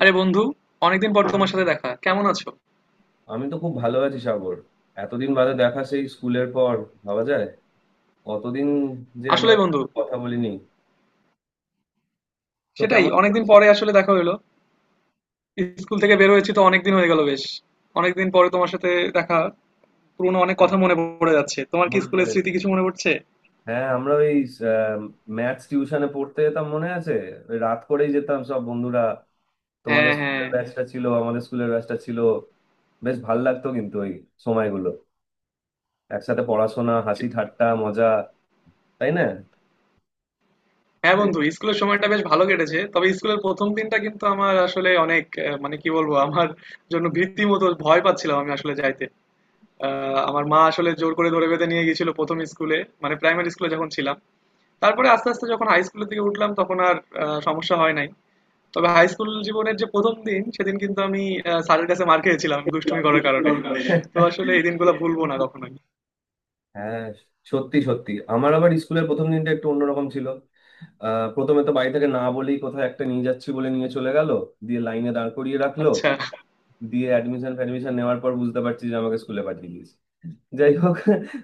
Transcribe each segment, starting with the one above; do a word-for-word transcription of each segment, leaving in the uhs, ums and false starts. আরে বন্ধু, অনেকদিন পর তোমার সাথে দেখা, কেমন আছো? আমি তো খুব ভালো আছি সাগর। এতদিন বাদে দেখা, সেই স্কুলের পর। ভাবা যায়? কতদিন যে আমরা আসলেই বন্ধু, কথা বলিনি। তো সেটাই, কেমন অনেকদিন চলছে? পরে আসলে দেখা হলো। স্কুল থেকে বের হয়েছি তো অনেকদিন হয়ে গেল বেশ। অনেকদিন পরে তোমার সাথে দেখা, পুরনো অনেক হ্যাঁ, কথা মনে পড়ে যাচ্ছে। তোমার কি মনে স্কুলের পড়ে। স্মৃতি কিছু মনে পড়ছে? হ্যাঁ, আমরা ওই ম্যাথস টিউশনে পড়তে যেতাম, মনে আছে? ওই রাত করেই যেতাম সব বন্ধুরা। তোমাদের হ্যাঁ, হ্যাঁ, স্কুলের ব্যাচটা ছিল, আমাদের স্কুলের ব্যাচটা ছিল। বেশ ভাল লাগতো কিন্তু ওই সময়গুলো, একসাথে পড়াশোনা, হাসি ঠাট্টা মজা, তাই না? হ্যাঁ বন্ধু, স্কুলের সময়টা বেশ ভালো কেটেছে। তবে স্কুলের প্রথম দিনটা কিন্তু আমার আসলে অনেক আহ, মানে কি বলবো, আমার জন্য ভীতি মতো, ভয় পাচ্ছিলাম আমি আসলে যাইতে। আহ, আমার মা আসলে জোর করে ধরে বেঁধে নিয়ে গেছিল প্রথম স্কুলে, মানে প্রাইমারি স্কুলে যখন ছিলাম। তারপরে আস্তে আস্তে যখন হাই স্কুলের দিকে উঠলাম, তখন আর আহ, সমস্যা হয় নাই। তবে হাই স্কুল জীবনের যে প্রথম দিন, সেদিন কিন্তু আমি আহ, স্যারের কাছে মার খেয়েছিলাম দুষ্টুমি করার কারণে। তো আসলে এই দিনগুলো ভুলবো না কখনোই। হ্যাঁ, সত্যি সত্যি আমার আবার স্কুলের প্রথম দিনটা একটু অন্যরকম ছিল। আহ, প্রথমে তো বাড়ি থেকে না বলেই কোথাও একটা নিয়ে যাচ্ছি বলে নিয়ে চলে গেল। দিয়ে লাইনে দাঁড় করিয়ে রাখলো। আচ্ছা। দিয়ে অ্যাডমিশন ফ্যাডমিশন নেওয়ার পর বুঝতে পারছি যে আমাকে স্কুলে পাঠিয়ে দিয়েছে। যাই হোক,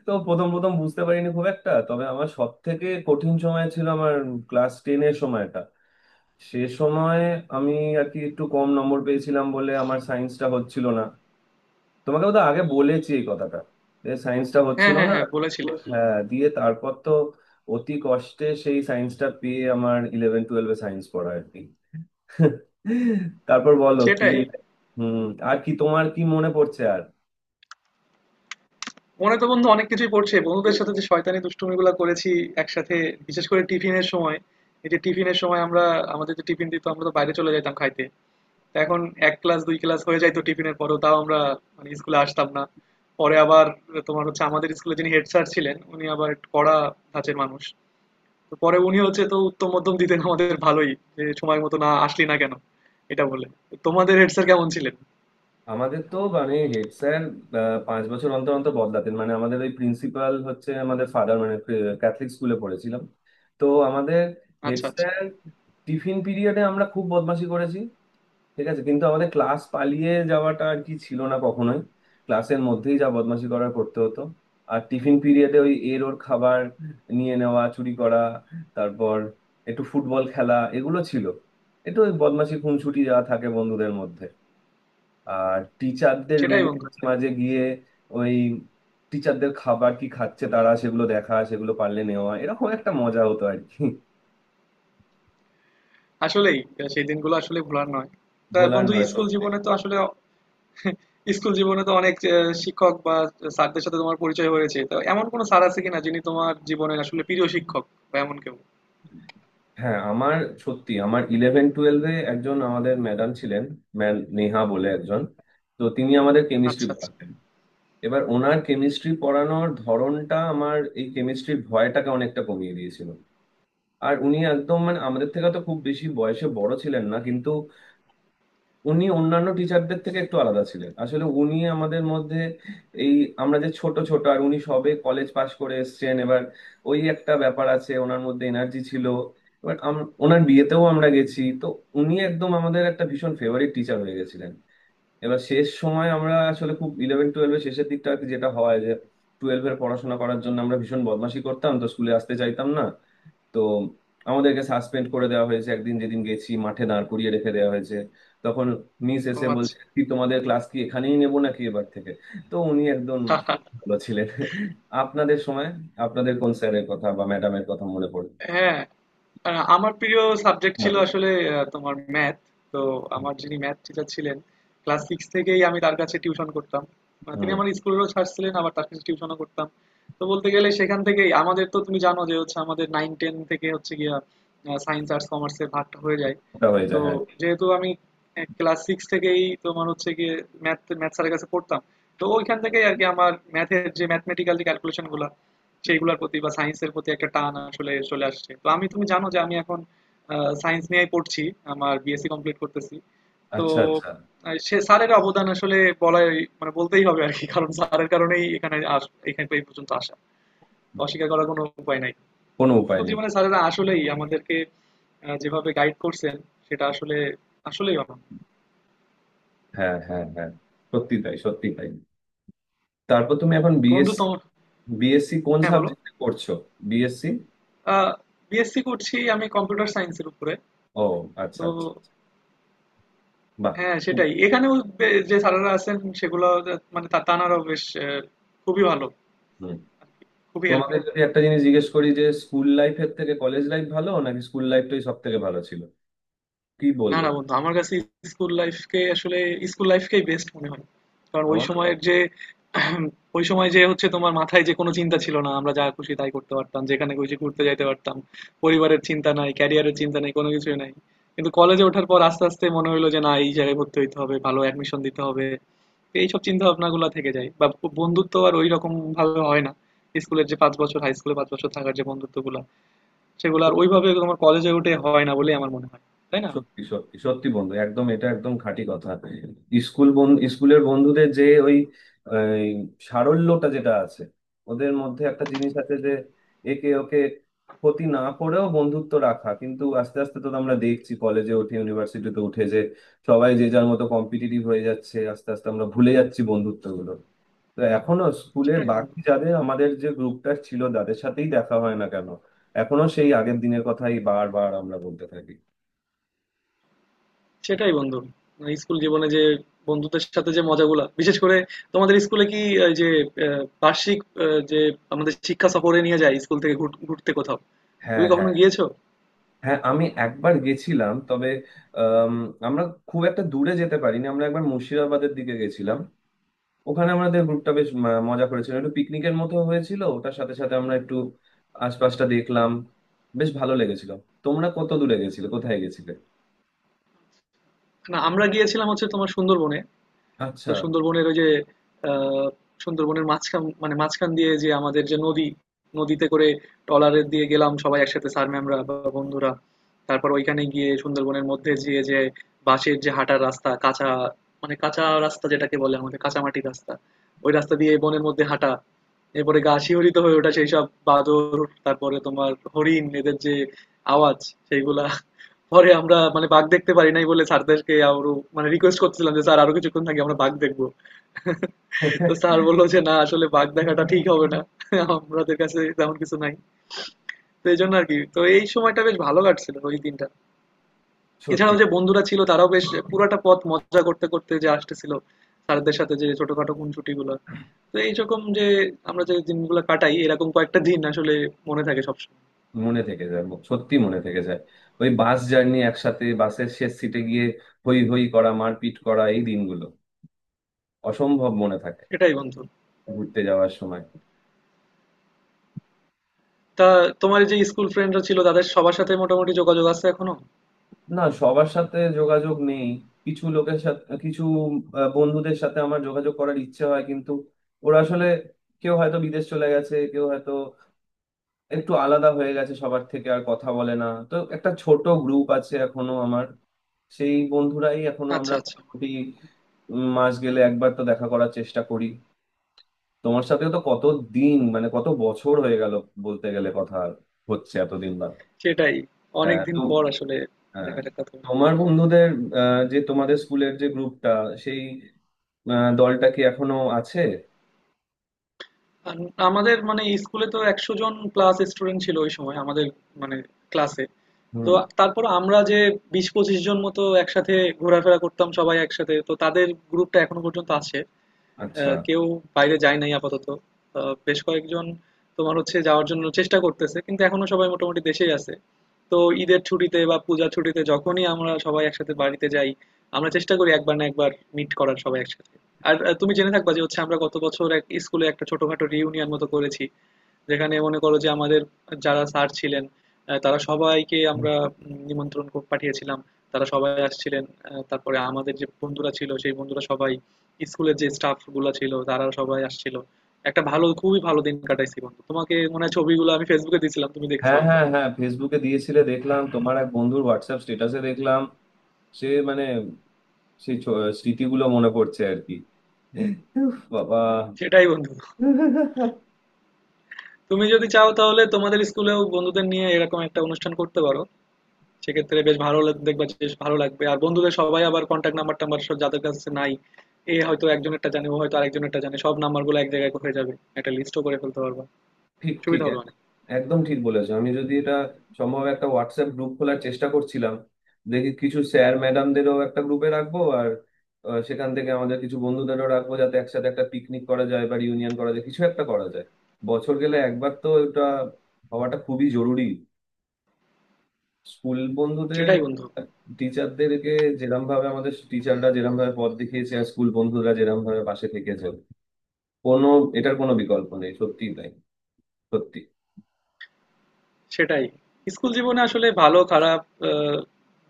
তো প্রথম প্রথম বুঝতে পারিনি খুব একটা, তবে আমার সব থেকে কঠিন সময় ছিল আমার ক্লাস টেনের সময়টা। সে সময় আমি আর কি একটু কম নম্বর পেয়েছিলাম বলে আমার সায়েন্সটা হচ্ছিল না। তোমাকে তো আগে বলেছি এই কথাটা, যে সায়েন্সটা হ্যাঁ, হচ্ছিল হ্যাঁ, না, হ্যাঁ হ্যাঁ, বলেছিলে। বলেছি। হ্যাঁ, দিয়ে তারপর তো অতি কষ্টে সেই সায়েন্সটা পেয়ে আমার ইলেভেন টুয়েলভে সায়েন্স পড়া আর কি। তারপর বলো কি সেটাই, সে। হুম। আর কি তোমার কি মনে পড়ছে আর? মনে তো বন্ধু অনেক কিছুই পড়ছে, বন্ধুদের সাথে যে শয়তানি দুষ্টুমিগুলো করেছি একসাথে, বিশেষ করে টিফিনের সময়। এই যে টিফিনের সময় আমরা, আমাদের যে টিফিন দিত আমরা তো বাইরে চলে যেতাম খাইতে। এখন এক ক্লাস দুই ক্লাস হয়ে যাইতো টিফিনের পরেও, তাও আমরা মানে স্কুলে আসতাম না। পরে আবার তোমার হচ্ছে, আমাদের স্কুলে যিনি হেড স্যার ছিলেন উনি আবার একটু কড়া ধাঁচের মানুষ। তো পরে উনি হচ্ছে তো উত্তম মধ্যম দিতেন আমাদের ভালোই, যে সময় মতো না আসলি না কেন, এটা বলে। তো তোমাদের হেড স্যার কেমন ছিলেন? আমাদের তো মানে হেড স্যার পাঁচ বছর অন্তর অন্তর বদলাতেন, মানে আমাদের ওই প্রিন্সিপাল হচ্ছে আমাদের ফাদার, মানে ক্যাথলিক স্কুলে পড়েছিলাম। তো আমাদের হেড আচ্ছা, আচ্ছা। স্যার। টিফিন পিরিয়ডে আমরা খুব বদমাশি করেছি ঠিক আছে, কিন্তু আমাদের ক্লাস পালিয়ে যাওয়াটা আর কি ছিল না কখনোই। ক্লাসের মধ্যেই যা বদমাশি করার করতে হতো। আর টিফিন পিরিয়ডে ওই এর ওর খাবার নিয়ে নেওয়া, চুরি করা, তারপর একটু ফুটবল খেলা, এগুলো ছিল। একটু ওই বদমাশি খুনসুটি যা থাকে বন্ধুদের মধ্যে। আর টিচারদের সেটাই রুমে বন্ধু। মাঝে মাঝে গিয়ে ওই টিচারদের খাবার কি খাচ্ছে তারা সেগুলো দেখা, সেগুলো পারলে নেওয়া, এরকম একটা মজা হতো আর কি। আসলেই আহ, সেই দিনগুলো আসলে ভোলার নয়। তা ভোলার বন্ধু, নয়, স্কুল সত্যি। জীবনে তো আসলে স্কুল জীবনে তো অনেক আহ, শিক্ষক বা স্যারদের সাথে তোমার পরিচয় হয়েছে। তো এমন কোনো স্যার আছে কিনা যিনি তোমার জীবনের আসলে প্রিয় শিক্ষক বা এমন কেউ? হ্যাঁ, আমার সত্যি আমার ইলেভেন টুয়েলভে একজন আমাদের ম্যাডাম ছিলেন, ম্যাম নেহা বলে একজন। তো তিনি আমাদের কেমিস্ট্রি আচ্ছা, আচ্ছা। পড়াতেন। এবার ওনার কেমিস্ট্রি পড়ানোর ধরনটা আমার এই কেমিস্ট্রির ভয়টাকে অনেকটা কমিয়ে দিয়েছিল। আর উনি একদম মানে আমাদের থেকে তো খুব বেশি বয়সে বড় ছিলেন না, কিন্তু উনি অন্যান্য টিচারদের থেকে একটু আলাদা ছিলেন। আসলে উনি আমাদের মধ্যে এই আমরা যে ছোট ছোট আর উনি সবে কলেজ পাশ করে এসেছেন এবার, ওই একটা ব্যাপার আছে ওনার মধ্যে, এনার্জি ছিল। এবার আম- ওনার বিয়েতেও আমরা গেছি তো। উনি একদম আমাদের একটা ভীষণ ফেভারিট টিচার হয়ে গেছিলেন। এবার শেষ সময় আমরা আসলে খুব ইলেভেন টুয়েলভের শেষের দিকটা আর কি, যেটা হয় যে টুয়েলভের পড়াশোনা করার জন্য আমরা ভীষণ বদমাশি করতাম তো স্কুলে আসতে চাইতাম না। তো আমাদেরকে সাসপেন্ড করে দেওয়া হয়েছে একদিন, যেদিন গেছি মাঠে দাঁড় করিয়ে রেখে দেওয়া হয়েছে। তখন মিস ও এসে আচ্ছা। বলছে কি, তোমাদের ক্লাস কি এখানেই নেবো নাকি এবার থেকে? তো উনি একদম খুব ভালো ছিলেন। আপনাদের সময় আপনাদের কোন স্যারের কথা বা ম্যাডামের কথা মনে পড়ে? হ্যাঁ, আ আমার প্রিয় সাবজেক্ট ছিল মানে। আসলে আ তোমার ম্যাথ। তো আমার যিনি ম্যাথ টিচার ছিলেন, ক্লাস ছয় থেকেই আমি তার কাছে টিউশন করতাম। আ তিনি হম। আমার স্কুলেরও স্যার ছিলেন, আবার তার কাছে টিউশনও করতাম। তো বলতে গেলে সেখান থেকেই আমাদের, তো তুমি জানো যে হচ্ছে আমাদের নয় দশ থেকে হচ্ছে গিয়া আ সায়েন্স আর্টস কমার্সের ভাগটা হয়ে যায়। ওটা হয়ে তো যায়, হ্যাঁ। যেহেতু আমি ক্লাস সিক্স থেকেই তোমার হচ্ছে গিয়ে ম্যাথ ম্যাথ স্যারের কাছে পড়তাম, তো ওইখান থেকেই আর কি আমার ম্যাথের যে ম্যাথমেটিক্যাল যে ক্যালকুলেশন গুলা, সেইগুলোর প্রতি বা সায়েন্সের প্রতি একটা টান আসলে চলে আসছে। তো আমি, তুমি জানো যে আমি এখন সায়েন্স নিয়েই পড়ছি, আমার বিএসসি কমপ্লিট করতেছি। তো আচ্ছা আচ্ছা। আহ, সে স্যারের অবদান আসলে বলাই, মানে বলতেই হবে আর কি। কারণ স্যারের কারণেই এখানে আস এখানে এই পর্যন্ত আসা, তো অস্বীকার করার কোনো উপায় নাই। কোনো উপায় স্কুল নেই। জীবনে স্যারেরা আসলেই আমাদেরকে আহ, যেভাবে গাইড করছেন, সেটা আসলে আসলেই অনন্য। হ্যাঁ হ্যাঁ হ্যাঁ, সত্যি তাই, সত্যি তাই। তারপর তুমি এখন বন্ধু বিএসসি, তোমার, বিএসসি কোন হ্যাঁ বলো। সাবজেক্টে করছো? বিএসসি। বিএসসি করছি আমি কম্পিউটার সায়েন্সের উপরে। ও আচ্ছা তো আচ্ছা। বাহ। হ্যাঁ, সেটাই। এখানেও বে- যে স্যারেরা আছেন সেগুলো, মানে তা- তানারাও বেশ আহ, খুবই ভালো হুম। আর কি, খুবই তোমাকে হেল্পফুল। যদি একটা জিনিস জিজ্ঞেস করি, যে স্কুল লাইফের থেকে কলেজ লাইফ ভালো নাকি স্কুল লাইফটাই সব থেকে ভালো ছিল, কি না, বলবে? না বন্ধু, আমার কাছে স্কুল লাইফকে আসলে, স্কুল লাইফকেই বেস্ট মনে হয়। কারণ ওই আমার না তাই। সময়ের যে ওই সময় যে হচ্ছে তোমার মাথায় যে কোনো চিন্তা ছিল না, আমরা যা খুশি তাই করতে পারতাম, যেখানে খুশি ঘুরতে যাইতে পারতাম। পরিবারের চিন্তা নাই, ক্যারিয়ারের চিন্তা নাই, কোনো কিছুই নাই। কিন্তু কলেজে ওঠার পর আস্তে আস্তে মনে হলো যে না, এই জায়গায় ভর্তি হইতে হবে, ভালো অ্যাডমিশন দিতে হবে, এইসব চিন্তা ভাবনা গুলা থেকে যায়। বা বন্ধুত্ব আর ওই রকম ভাবে হয় না, স্কুলের যে পাঁচ বছর, হাই স্কুলে পাঁচ বছর থাকার যে বন্ধুত্ব গুলা, সেগুলো আর ওইভাবে তোমার কলেজে উঠে হয় না বলেই আমার মনে হয়, তাই না? সত্যি সত্যি সত্যি বন্ধু, একদম এটা একদম খাঁটি কথা। স্কুল বন স্কুলের বন্ধুদের যে ওই এই সারল্যটা যেটা আছে, ওদের মধ্যে একটা জিনিস আছে যে একে ওকে ক্ষতি না করেও বন্ধুত্ব রাখা। কিন্তু আস্তে আস্তে তো আমরা দেখছি কলেজে উঠে, ইউনিভার্সিটিতে উঠে যে সবাই যে যার মতো কম্পিটিটিভ হয়ে যাচ্ছে, আস্তে আস্তে আমরা ভুলে যাচ্ছি বন্ধুত্বগুলো। তো এখনো স্কুলের সেটাই বন্ধু বাকি যাদের আমাদের যে গ্রুপটা ছিল তাদের সাথেই দেখা হয় না কেন, এখনো সেই আগের দিনের কথাই বারবার আমরা বলতে থাকি। সেটাই বন্ধু মানে স্কুল জীবনে যে বন্ধুদের সাথে যে মজাগুলা, বিশেষ করে তোমাদের স্কুলে কি এই যে আহ, বার্ষিক আহ, যে আমাদের শিক্ষা সফরে নিয়ে যায় স্কুল থেকে ঘুর- ঘুরতে কোথাও, হ্যাঁ তুমি কখনো হ্যাঁ গিয়েছো? হ্যাঁ, আমি একবার গেছিলাম তবে আম, আমরা খুব একটা দূরে যেতে পারিনি। আমরা একবার মুর্শিদাবাদের দিকে গেছিলাম। ওখানে আমাদের গ্রুপটা বেশ ম- মজা করেছিল, একটু পিকনিকের মতো হয়েছিল। ওটার সাথে সাথে আমরা একটু আশপাশটা দেখলাম, বেশ ভালো লেগেছিল। তোমরা কত দূরে গেছিলে, কোথায় গেছিলে? না, আমরা গিয়েছিলাম হচ্ছে তোমার সুন্দরবনে। তো আচ্ছা। সুন্দরবনের ওই যে আহ, সুন্দরবনের মাঝখান, মানে মাঝখান দিয়ে যে আমাদের যে নদী, নদীতে করে ট্রলারে দিয়ে গেলাম সবাই একসাথে, স্যার ম্যামরা বা বন্ধুরা। তারপর ওইখানে গিয়ে সুন্দরবনের মধ্যে গিয়ে যে বাঁশের যে হাঁটার রাস্তা, কাঁচা, মানে কাঁচা রাস্তা যেটাকে বলে আমাদের কাঁচা মাটির রাস্তা, ওই রাস্তা দিয়ে বনের মধ্যে হাঁটা, এরপরে গা শিহরিত হয়ে ওঠা সেই সব বাদর, তারপরে তোমার হরিণ, এদের যে আওয়াজ, সেইগুলা। পরে আমরা মানে বাঘ দেখতে পারি নাই বলে স্যারদেরকে আরো মানে রিকোয়েস্ট করতেছিলাম যে স্যার আরো কিছুক্ষণ থাকি, আমরা বাঘ দেখবো। তো স্যার বললো যে না, আসলে বাঘ দেখাটা ঠিক হবে না, আমাদের কাছে তেমন কিছু নাই। তো এই জন্য আর কি, তো এই সময়টা বেশ ভালো কাটছিল ওই দিনটা। সত্যি এছাড়াও যে বন্ধুরা ছিল তারাও বেশ পুরাটা পথ মজা করতে করতে যে আসতেছিল, স্যারদের সাথে যে ছোটখাটো খুনসুটি গুলো, তো এইরকম যে আমরা যে দিনগুলো কাটাই, এরকম কয়েকটা দিন আসলে মনে থাকে সবসময়। মনে থেকে যায়, সত্যি মনে থেকে যায়। ওই বাস জার্নি একসাথে, বাসের শেষ সিটে গিয়ে হই হই করা, মারপিট করা, এই দিনগুলো অসম্ভব মনে থাকে। সেটাই বন্ধু। ঘুরতে যাওয়ার সময়। তা তোমার যে স্কুল ফ্রেন্ডরা ছিল তাদের সবার সাথে মোটামুটি যোগাযোগ আছে এখনো? না, সবার সাথে যোগাযোগ নেই, কিছু লোকের সাথে কিছু আহ, বন্ধুদের সাথে আমার যোগাযোগ করার ইচ্ছে হয়, কিন্তু ওরা আসলে কেউ হয়তো বিদেশ চলে গেছে, কেউ হয়তো একটু আলাদা হয়ে গেছে সবার থেকে, আর কথা বলে না। তো একটা ছোট গ্রুপ আছে এখনো আমার, সেই বন্ধুরাই এখনো আচ্ছা, আমরা আচ্ছা। মোটামুটি উম, মাস গেলে একবার তো দেখা করার চেষ্টা করি। তোমার সাথেও তো কত দিন, মানে কত বছর হয়ে গেল বলতে গেলে, কথা হচ্ছে এতদিন বাদে। সেটাই। হ্যাঁ অনেকদিন তো। পর আসলে হ্যাঁ। দেখা সাক্ষাৎ হলো। তোমার বন্ধুদের আহ, যে তোমাদের স্কুলের যে গ্রুপটা, সেই আহ, দলটা কি এখনো আছে? আন, আমাদের মানে স্কুলে তো একশো জন ক্লাস স্টুডেন্ট ছিল ওই সময় আমাদের, মানে ক্লাসে। তো হুম। তারপর আমরা যে বিশ থেকে পঁচিশ জন মতো একসাথে ঘোরাফেরা করতাম সবাই একসাথে। তো তাদের গ্রুপটা এখনো পর্যন্ত আছে। আচ্ছা। আহ, কেউ বাইরে যায় নাই আপাতত। আহ, বেশ কয়েকজন তোমার হচ্ছে যাওয়ার জন্য চেষ্টা করতেছে, কিন্তু এখনো সবাই মোটামুটি দেশেই আছে। তো ঈদের ছুটিতে বা পূজা ছুটিতে যখনই আমরা সবাই একসাথে বাড়িতে যাই, আমরা চেষ্টা করি একবার না একবার মিট করার সবাই একসাথে। আর আহ, তুমি জেনে থাকবা যে হচ্ছে আমরা গত বছর এক স্কুলে একটা ছোটখাটো রিউনিয়ন মতো করেছি, যেখানে মনে করো যে আমাদের যারা স্যার ছিলেন আহ, তারা সবাইকে আমরা উম, নিমন্ত্রণ কো- পাঠিয়েছিলাম, তারা সবাই আসছিলেন। আহ, তারপরে আমাদের যে বন্ধুরা ছিল সেই বন্ধুরা সবাই, স্কুলের যে স্টাফ গুলা ছিল তারা সবাই আসছিল। একটা ভালো, খুবই ভালো দিন কাটাইছি বন্ধু। তোমাকে মনে হয় ছবিগুলো আমি ফেসবুকে দিয়েছিলাম, তুমি দেখছো হ্যাঁ হয়তো। হ্যাঁ হ্যাঁ, ফেসবুকে দিয়েছিলে দেখলাম, তোমার এক বন্ধুর হোয়াটসঅ্যাপ স্ট্যাটাসে দেখলাম। সে মানে সেই ছ- স্মৃতিগুলো মনে পড়ছে আর কি। উফ, বাবা। সেটাই বন্ধু। তুমি যদি চাও তাহলে তোমাদের স্কুলেও বন্ধুদের নিয়ে এরকম একটা অনুষ্ঠান করতে পারো। সেক্ষেত্রে বেশ ভালো লাগ, দেখবা যে বেশ ভালো লাগবে। আর বন্ধুদের সবাই আবার কনট্যাক্ট নাম্বার-টাম্বার সব যাদের কাছে নাই, এ হয়তো একজনেরটা জানে, ও হয়তো আরেকজনেরটা জানে। সব নাম্বারগুলো এক জায়গায় হয়ে যাবে। একটা লিস্টও করে ফেলতে পারবা। ঠিক ঠিক সুবিধা হবে এক- অনেক। একদম ঠিক বলেছো। আমি যদি এটা সম্ভব একটা হোয়াটসঅ্যাপ গ্রুপ খোলার চেষ্টা করছিলাম। দেখি কিছু স্যার ম্যাডামদেরও একটা গ্রুপে রাখবো আর আহ, সেখান থেকে আমাদের কিছু বন্ধুদেরও রাখবো, যাতে একসাথে একটা পিকনিক করা যায় বা ইউনিয়ন করা যায়, কিছু একটা করা যায়। বছর গেলে একবার তো এটা হওয়াটা খুবই জরুরি। স্কুল বন্ধুদের, সেটাই বন্ধু। টিচারদেরকে যেরম ভাবে আমাদের টিচাররা যেরম ভাবে পথ দেখিয়েছে আর স্কুল বন্ধুরা যেরম ভাবে পাশে থেকেছে, কোনো এটার কোনো বিকল্প নেই। সত্যিই তাই, সত্যি। সেটাই। স্কুল জীবনে আসলে ভালো খারাপ আ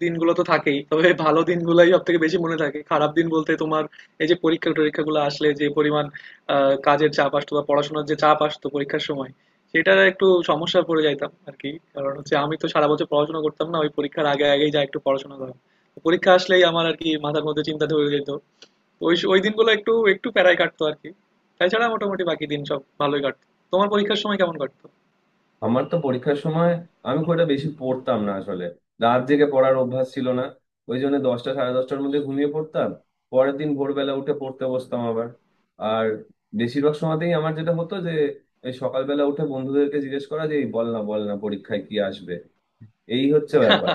দিনগুলো তো থাকেই। তবে ভালো দিনগুলাই সবথেকে বেশি মনে থাকে। খারাপ দিন বলতে তোমার এই যে পরীক্ষা-টরীক্ষাগুলো আসলে যে পরিমাণ আ কাজের চাপ আসতো বা পড়াশোনার যে চাপ আসতো পরীক্ষার সময়, সেটার একটু সমস্যায় পড়ে যাইতাম আরকি। কারণ হচ্ছে আমি তো সারা বছর পড়াশোনা করতাম না। ওই পরীক্ষার আগে, আগেই যায়া একটু পড়াশোনা করা। পরীক্ষা আসলেই আমার আরকি মাথার মধ্যে চিন্তা ধরে যেত। তো ওই স ওই দিনগুলো একটু, একটু প্যারায় কাটতো আরকি। তাছাড়া মোটামুটি বাকি দিন সব ভালোই কাটতো। তোমার পরীক্ষার সময় কেমন কাটতো? আমার তো পরীক্ষার সময় আমি খুব একটা বেশি পড়তাম না আসলে। রাত জেগে পড়ার অভ্যাস ছিল না, ওই জন্য দশটা সাড়ে দশটার মধ্যে ঘুমিয়ে পড়তাম। পরের দিন ভোরবেলা উঠে পড়তে বসতাম আবার। আর বেশিরভাগ সময়তেই আমার যেটা হতো যে এই সকালবেলা উঠে বন্ধুদেরকে জিজ্ঞেস করা যে এই বল না বল না পরীক্ষায় কি আসবে, এই হচ্ছে ব্যাপার।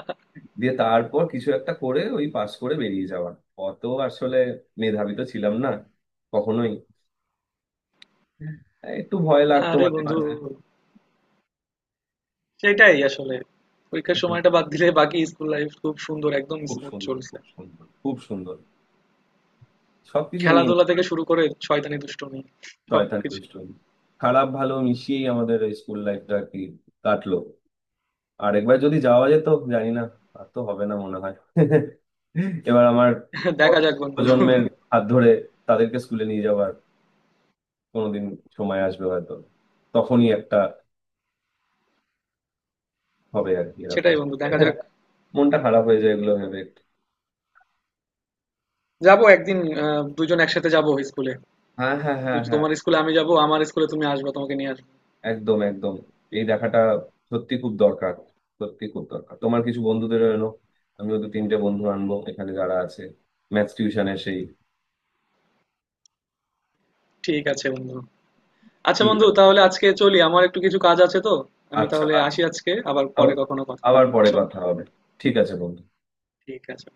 দিয়ে তারপর কিছু একটা করে ওই পাস করে বেরিয়ে যাওয়া। অত আসলে মেধাবী তো ছিলাম না কখনোই, একটু ভয় লাগতো আরে মাঝে বন্ধু, মাঝে। সেটাই আসলে। পরীক্ষার হুম, সময়টা বাদ দিলে বাকি স্কুল লাইফ খুব সুন্দর, একদম খুব স্মুথ সুন্দর, চলছে। খুব সুন্দর, খুব সুন্দর, সবকিছু নিয়ে। খেলাধুলা থেকে শুরু করে শয়তানি দুষ্টুমি শয়তানি সবকিছু। দুষ্টুমি, খারাপ ভালো মিশিয়েই আমাদের এই স্কুল লাইফটা আর কি কাটলো। আর একবার যদি যাওয়া যেত, জানি না, আর তো হবে না মনে হয়। এবার আমার দেখা যাক পরবর্তী বন্ধু। প্রজন্মের হাত ধরে তাদেরকে স্কুলে নিয়ে যাওয়ার কোনোদিন সময় আসবে হয়তো, তখনই একটা হবে আর কি এরকম। সেটাই বন্ধু, দেখা যাক। মনটা খারাপ হয়ে যায় এগুলো ভেবে একটু। যাবো একদিন, আহ দুজন একসাথে যাবো স্কুলে। হ্যাঁ হ্যাঁ হ্যাঁ হ্যাঁ, তোমার স্কুলে আমি যাবো, আমার স্কুলে তুমি আসবা, তোমাকে নিয়ে আসবো। একদম একদম। এই দেখাটা সত্যি খুব দরকার, সত্যি খুব দরকার। তোমার কিছু বন্ধুদের এলো, আমিও দু তিনটে বন্ধু আনবো এখানে যারা আছে ম্যাথস টিউশনের সেই। ঠিক আছে বন্ধু। আচ্ছা ঠিক বন্ধু, আছে। তাহলে আজকে চলি। আমার একটু কিছু কাজ আছে তো। আমি আচ্ছা তাহলে আচ্ছা, আসি আজকে। আবার পরে আবার কখনো কথা হবে। আবার পরে বুঝছো? কথা হবে। ঠিক আছে বন্ধু। ঠিক আছে।